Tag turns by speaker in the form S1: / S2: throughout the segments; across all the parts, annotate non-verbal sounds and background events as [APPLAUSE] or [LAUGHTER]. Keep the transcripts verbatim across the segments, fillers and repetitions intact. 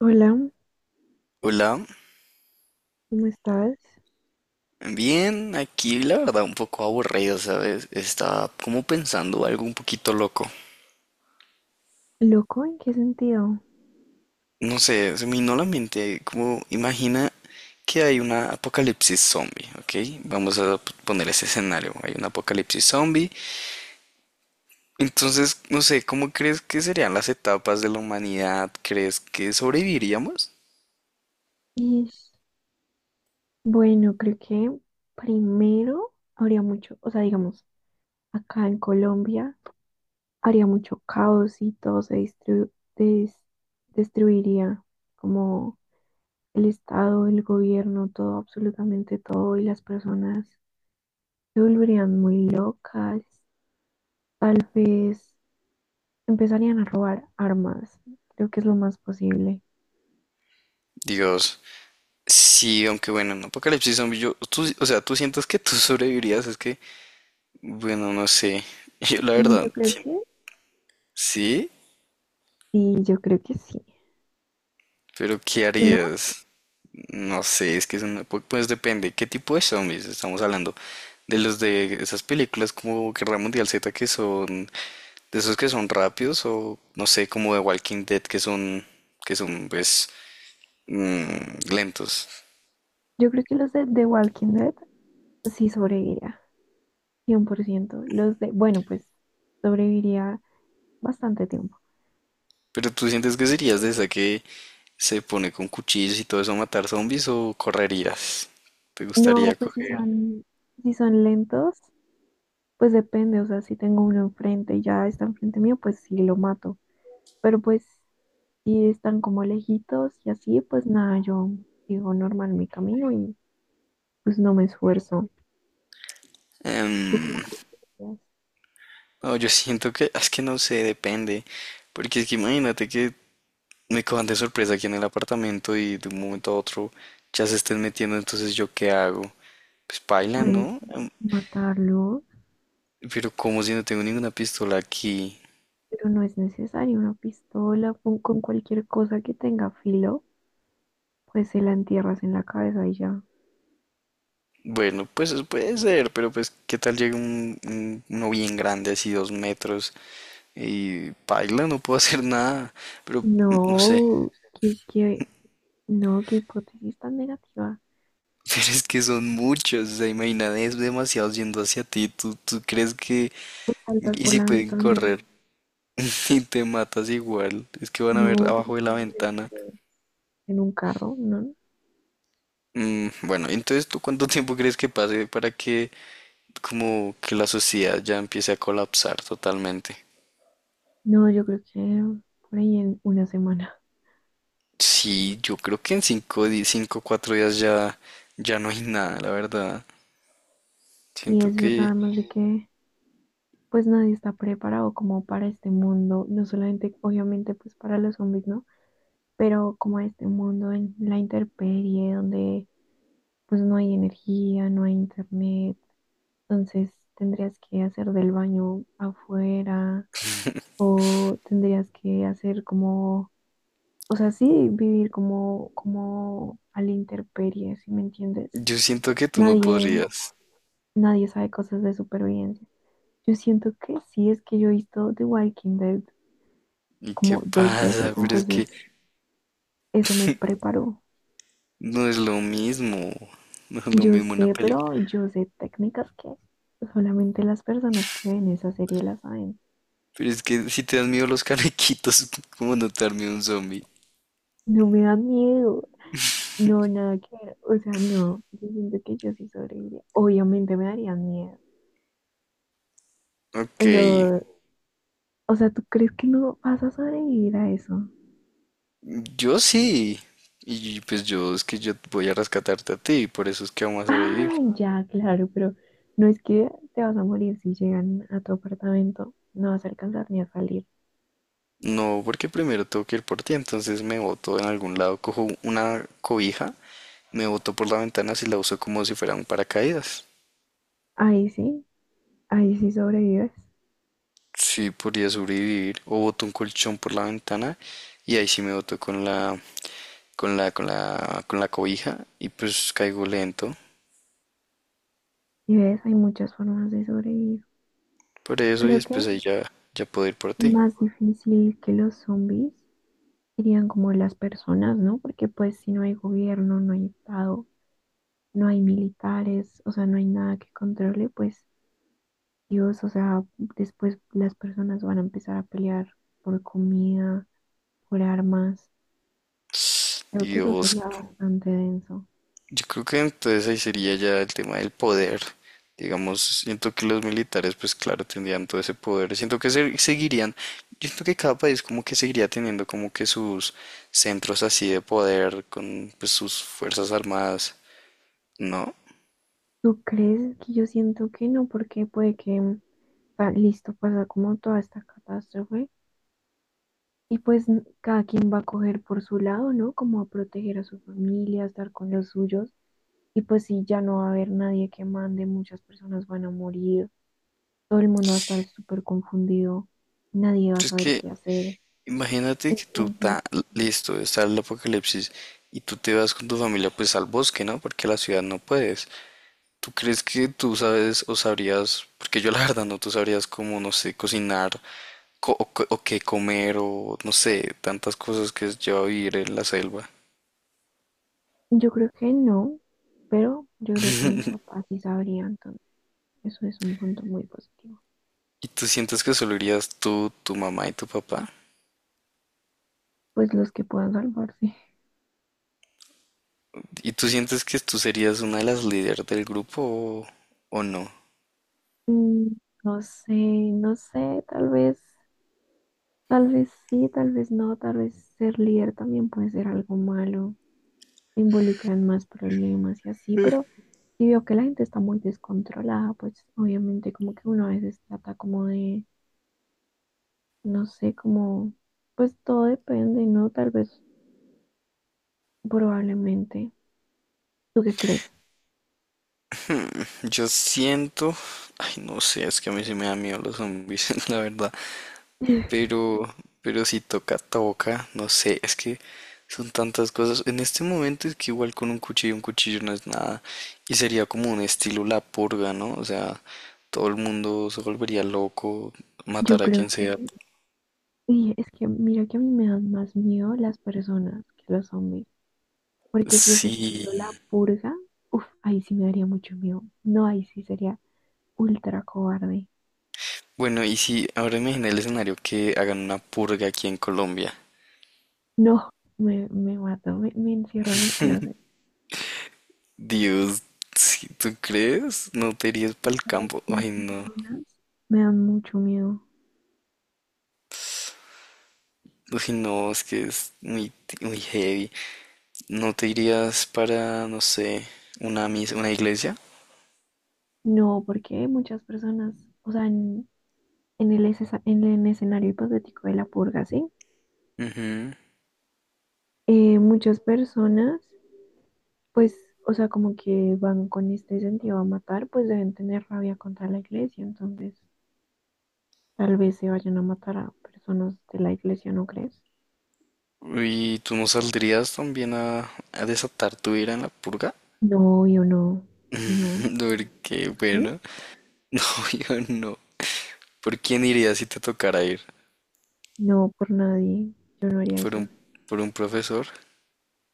S1: Hola,
S2: Hola,
S1: ¿cómo estás?
S2: bien, aquí la verdad un poco aburrido, ¿sabes? Estaba como pensando algo un poquito loco.
S1: ¿Loco? ¿En qué sentido?
S2: No sé, se me vino a la mente, como imagina que hay una apocalipsis zombie, ¿ok? Vamos a p- poner ese escenario, hay un apocalipsis zombie. Entonces, no sé, ¿cómo crees que serían las etapas de la humanidad? ¿Crees que sobreviviríamos?
S1: Ish, bueno, creo que primero habría mucho, o sea, digamos, acá en Colombia habría mucho caos y todo se distru- des- destruiría, como el Estado, el gobierno, todo, absolutamente todo, y las personas se volverían muy locas, tal vez empezarían a robar armas, creo que es lo más posible.
S2: Dios, sí, aunque bueno, en apocalipsis zombie, yo, tú, o sea, tú sientas que tú [LAUGHS] sobrevivirías, es que, bueno, no sé. [LAUGHS] Yo la
S1: Y yo
S2: verdad.
S1: creo que,
S2: ¿Sí?
S1: sí, yo creo que sí.
S2: ¿Pero qué
S1: ¿Tú no?
S2: harías? No sé, es que es una... pu- Pues depende. ¿Qué tipo de zombies estamos hablando? De los de esas películas como Guerra Mundial Z que son, de esos que son rápidos, o no sé, como de Walking Dead que son, que son pues mm, lentos.
S1: Yo creo que los de The Walking Dead sí sobreviviría, cien por ciento. Los de, bueno, pues sobreviviría bastante tiempo.
S2: ¿Pero tú sientes que serías de esa que se pone con cuchillos y todo eso a matar zombies o correrías? ¿Te
S1: No,
S2: gustaría
S1: pues si
S2: coger?
S1: son, si son lentos, pues depende, o sea, si tengo uno enfrente y ya está enfrente mío, pues sí lo mato. Pero pues si están como lejitos y así, pues nada, yo sigo normal mi camino y pues no me esfuerzo. ¿Tú cómo
S2: Em,
S1: crees que podrías,
S2: No, yo siento que es que no sé, depende. Porque es que imagínate que me cojan de sorpresa aquí en el apartamento y de un momento a otro ya se estén metiendo, entonces yo qué hago. Pues paila,
S1: pues
S2: ¿no? Em,
S1: matarlo?
S2: Pero como si no tengo ninguna pistola aquí.
S1: Pero no es necesario una pistola, pon- con cualquier cosa que tenga filo, pues se la entierras en la cabeza y ya.
S2: Bueno, pues eso puede ser, pero pues qué tal llega un, un- uno bien grande, así dos metros, y paila, no puedo [LAUGHS] hacer nada. Pero mm, no sé.
S1: No,
S2: [LAUGHS]
S1: qué, qué, no, qué hipótesis tan negativa.
S2: Pero es que son muchos, o sea, imagínate, es demasiado yendo hacia ti. ¿Tú, tú crees que?
S1: Pues saltas
S2: Y
S1: por
S2: si
S1: la
S2: pueden
S1: ventana.
S2: correr [LAUGHS] y te matas igual, es que van a ver
S1: No,
S2: abajo de la
S1: porque puedes
S2: ventana.
S1: caer en un carro, ¿no?
S2: Mm, bueno, entonces ¿tú cuánto tiempo crees que pase para que como que la sociedad ya empiece a colapsar totalmente?
S1: No, yo creo que por ahí en una semana.
S2: Sí, yo creo que en cinco, di- cinco, cuatro días ya, ya no hay nada, la verdad.
S1: Y
S2: Siento
S1: es verdad,
S2: que,
S1: además de que pues nadie está preparado como para este mundo, no solamente obviamente pues para los zombies, ¿no? Pero como este mundo en la intemperie, donde pues no hay energía, no hay internet, entonces tendrías que hacer del baño afuera o tendrías que hacer como, o sea, sí, vivir como, como a la intemperie, ¿si me entiendes?
S2: yo siento que tú no
S1: Nadie,
S2: podrías.
S1: nadie sabe cosas de supervivencia. Yo siento que sí, es que yo he visto The Walking Dead
S2: ¿Y qué
S1: como dos veces,
S2: pasa? Pero es que
S1: entonces eso me preparó.
S2: no es lo mismo, [LAUGHS] no es lo
S1: Yo
S2: mismo una
S1: sé,
S2: película.
S1: pero yo sé técnicas que solamente las personas que ven esa serie las saben.
S2: Pero es que si te dan miedo los canequitos, [LAUGHS] ¿cómo no te da miedo un zombie?
S1: No me da miedo. No, nada que ver. O sea, no. Yo siento que yo sí sobreviviría. Obviamente me darían miedo.
S2: Ok,
S1: Pero, o sea, ¿tú crees que no vas a sobrevivir a eso?
S2: yo sí. Y pues yo es que yo voy a rescatarte a ti, por eso es que vamos a sobrevivir.
S1: Ay, ya, claro, pero no es que te vas a morir si llegan a tu apartamento. No vas a alcanzar ni a salir.
S2: No, porque primero tengo que ir por ti, entonces me boto en algún lado, cojo una cobija, me boto por la ventana y la uso como si fuera un paracaídas.
S1: Ahí sí, ahí sí sobrevives.
S2: Sí, podría sobrevivir. O boto un colchón por la ventana y ahí sí me boto con la, con la, con la, con la cobija y pues caigo lento.
S1: Y ves, hay muchas formas de sobrevivir.
S2: Por eso y
S1: Creo que
S2: después ahí ya, ya puedo ir por ti.
S1: más difícil que los zombies serían como las personas, ¿no? Porque pues si no hay gobierno, no hay estado. No hay militares, o sea, no hay nada que controle, pues Dios, o sea, después las personas van a empezar a pelear por comida, por armas. Creo que eso
S2: Dios,
S1: sería bastante denso.
S2: yo creo que entonces ahí sería ya el tema del poder. Digamos, siento que los militares, pues claro, tendrían todo ese poder. Siento que se- seguirían, yo siento que cada país como que seguiría teniendo como que sus centros así de poder con pues sus fuerzas armadas, ¿no?
S1: ¿Tú crees que yo siento que no? Porque puede que, o sea, listo, pasa como toda esta catástrofe y pues n- cada quien va a coger por su lado, ¿no? Como a proteger a su familia, a estar con los suyos. Y pues si ya no va a haber nadie que mande, muchas personas van a morir. Todo el mundo va a estar súper confundido, nadie va a
S2: Pero es
S1: saber
S2: que
S1: qué hacer.
S2: imagínate que tú
S1: Entonces,
S2: estás listo, está el apocalipsis y tú te vas con tu familia pues al bosque, ¿no? Porque a la ciudad no puedes. ¿Tú crees que tú sabes o sabrías, porque yo la verdad no, tú sabrías cómo, no sé, cocinar? co- o, co- o qué comer o no sé, tantas cosas que es lleva a vivir en la selva?
S1: yo creo que no, pero yo creo que mi papá sí sabría, entonces eso es un punto muy positivo.
S2: Y tú sientes que solo irías tú, tu mamá y tu papá.
S1: Pues los que puedan salvarse. [LAUGHS]
S2: Y tú sientes que tú serías una de las líderes del grupo, o, o no.
S1: Mm, no sé, no sé, tal vez, tal vez sí, tal vez no, tal vez ser líder también puede ser algo malo, involucran más problemas y así, pero si veo que la gente está muy descontrolada, pues obviamente como que uno a veces trata como de no sé, cómo pues todo depende, ¿no? Tal vez, probablemente. ¿Tú qué crees?
S2: Yo siento, ay, no sé, es que a mí sí me da miedo los zombies, [LAUGHS] la verdad.
S1: [LAUGHS]
S2: Pero, pero si toca toca, no sé, es que son tantas cosas. En este momento es que igual con un cuchillo, un cuchillo no es nada. Y sería como un estilo la purga, ¿no? O sea, todo el mundo se volvería loco,
S1: Yo
S2: matar a
S1: creo
S2: quien sea.
S1: que, y es que mira que a mí me dan más miedo las personas que los zombies, porque si es
S2: Sí.
S1: estilo la purga, uff, ahí sí me daría mucho miedo. No, ahí sí sería ultra cobarde.
S2: Bueno, y si ahora imagina el escenario que hagan una purga aquí en Colombia.
S1: No, me, me mato, me, me encierro en el closet.
S2: Dios, si tú crees, no te irías para el campo.
S1: Las
S2: Ay, no.
S1: personas me dan mucho miedo.
S2: Ay, no, es que es muy, muy heavy. ¿No te irías para, no sé, una mis una iglesia?
S1: No, porque muchas personas, o sea, n- en el, escesa- en el escenario hipotético de la purga, ¿sí?
S2: Ujú.
S1: Eh, muchas personas, pues, o sea, como que van con este sentido a matar, pues deben tener rabia contra la iglesia, entonces tal vez se vayan a matar a personas de la iglesia, ¿no crees?
S2: ¿Y tú no saldrías también a, a desatar tu ira en la purga?
S1: No, yo no, no,
S2: [LAUGHS] Porque,
S1: ¿sí?
S2: bueno, [LAUGHS] no, yo no. ¿Por quién irías si te tocara ir?
S1: No, por nadie, yo no haría
S2: ¿Por un,
S1: eso.
S2: por un profesor?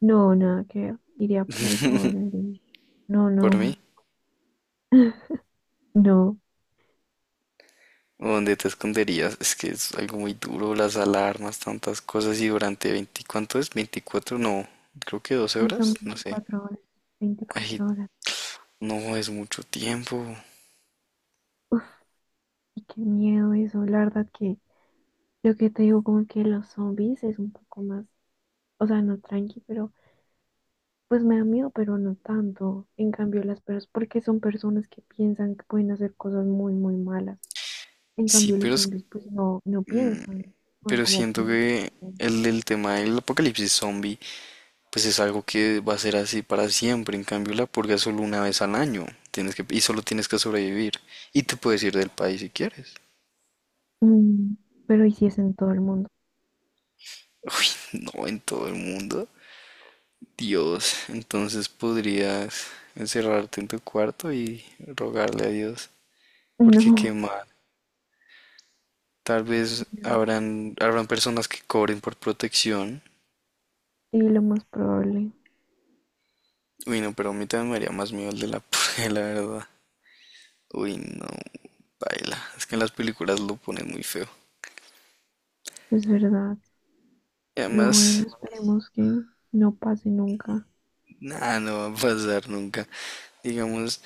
S1: No, nada que ver, iría por ahí por el... No,
S2: ¿Por
S1: no,
S2: mí?
S1: [LAUGHS] no,
S2: ¿O dónde te esconderías? Es que es algo muy duro, las alarmas, tantas cosas y durante veinte, ¿cuánto es? Veinticuatro no, creo que doce
S1: y son
S2: horas, no sé.
S1: veinticuatro horas,
S2: Ay,
S1: veinticuatro horas.
S2: no, es mucho tiempo.
S1: Uf. Y qué miedo eso, la verdad que lo que te digo como que los zombies es un poco más, o sea, no tranqui, pero pues me da miedo, pero no tanto. En cambio las personas, porque son personas que piensan que pueden hacer cosas muy, muy malas. En
S2: Sí.
S1: cambio los
S2: pero es...
S1: zombies pues no, no
S2: mm,
S1: piensan, van
S2: Pero
S1: como por
S2: siento que
S1: instinto.
S2: el, el tema del apocalipsis zombie, pues es algo que va a ser así para siempre. En cambio, la purga es solo una vez al año. Tienes que, y solo tienes que sobrevivir. Y te puedes ir del país si quieres.
S1: Mm, pero y si es en todo el mundo.
S2: [LAUGHS] Uy, no, en todo el mundo. Dios, entonces podrías encerrarte en tu cuarto y rogarle a Dios.
S1: [LAUGHS]
S2: Porque qué
S1: No,
S2: mal. Tal vez
S1: no.
S2: habrán, habrán personas que cobren por protección.
S1: Sí, lo más probable,
S2: Uy, no, pero a mí también me haría más miedo el de la purga, [LAUGHS] la verdad. Uy, no, baila. Es que en las películas lo ponen muy feo.
S1: es verdad.
S2: Y
S1: Pero bueno,
S2: además,
S1: esperemos que no pase nunca.
S2: nada, no va a pasar nunca. Digamos,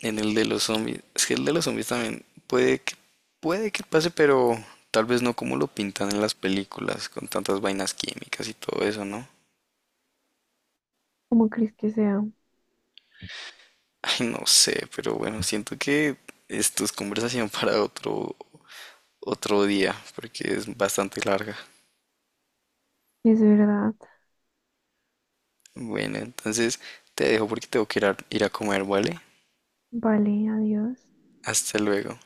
S2: en el de los zombies. Es que el de los zombies también puede que, puede que pase, pero tal vez no como lo pintan en las películas, con tantas vainas químicas y todo eso, ¿no?
S1: Como crees que sea,
S2: Ay, no sé, pero bueno, siento que esto es conversación [LAUGHS] para otro, otro día, porque es bastante larga.
S1: es verdad.
S2: Bueno, entonces te dejo porque tengo que ir a, ir a comer, ¿vale?
S1: Vale, adiós.
S2: Hasta luego.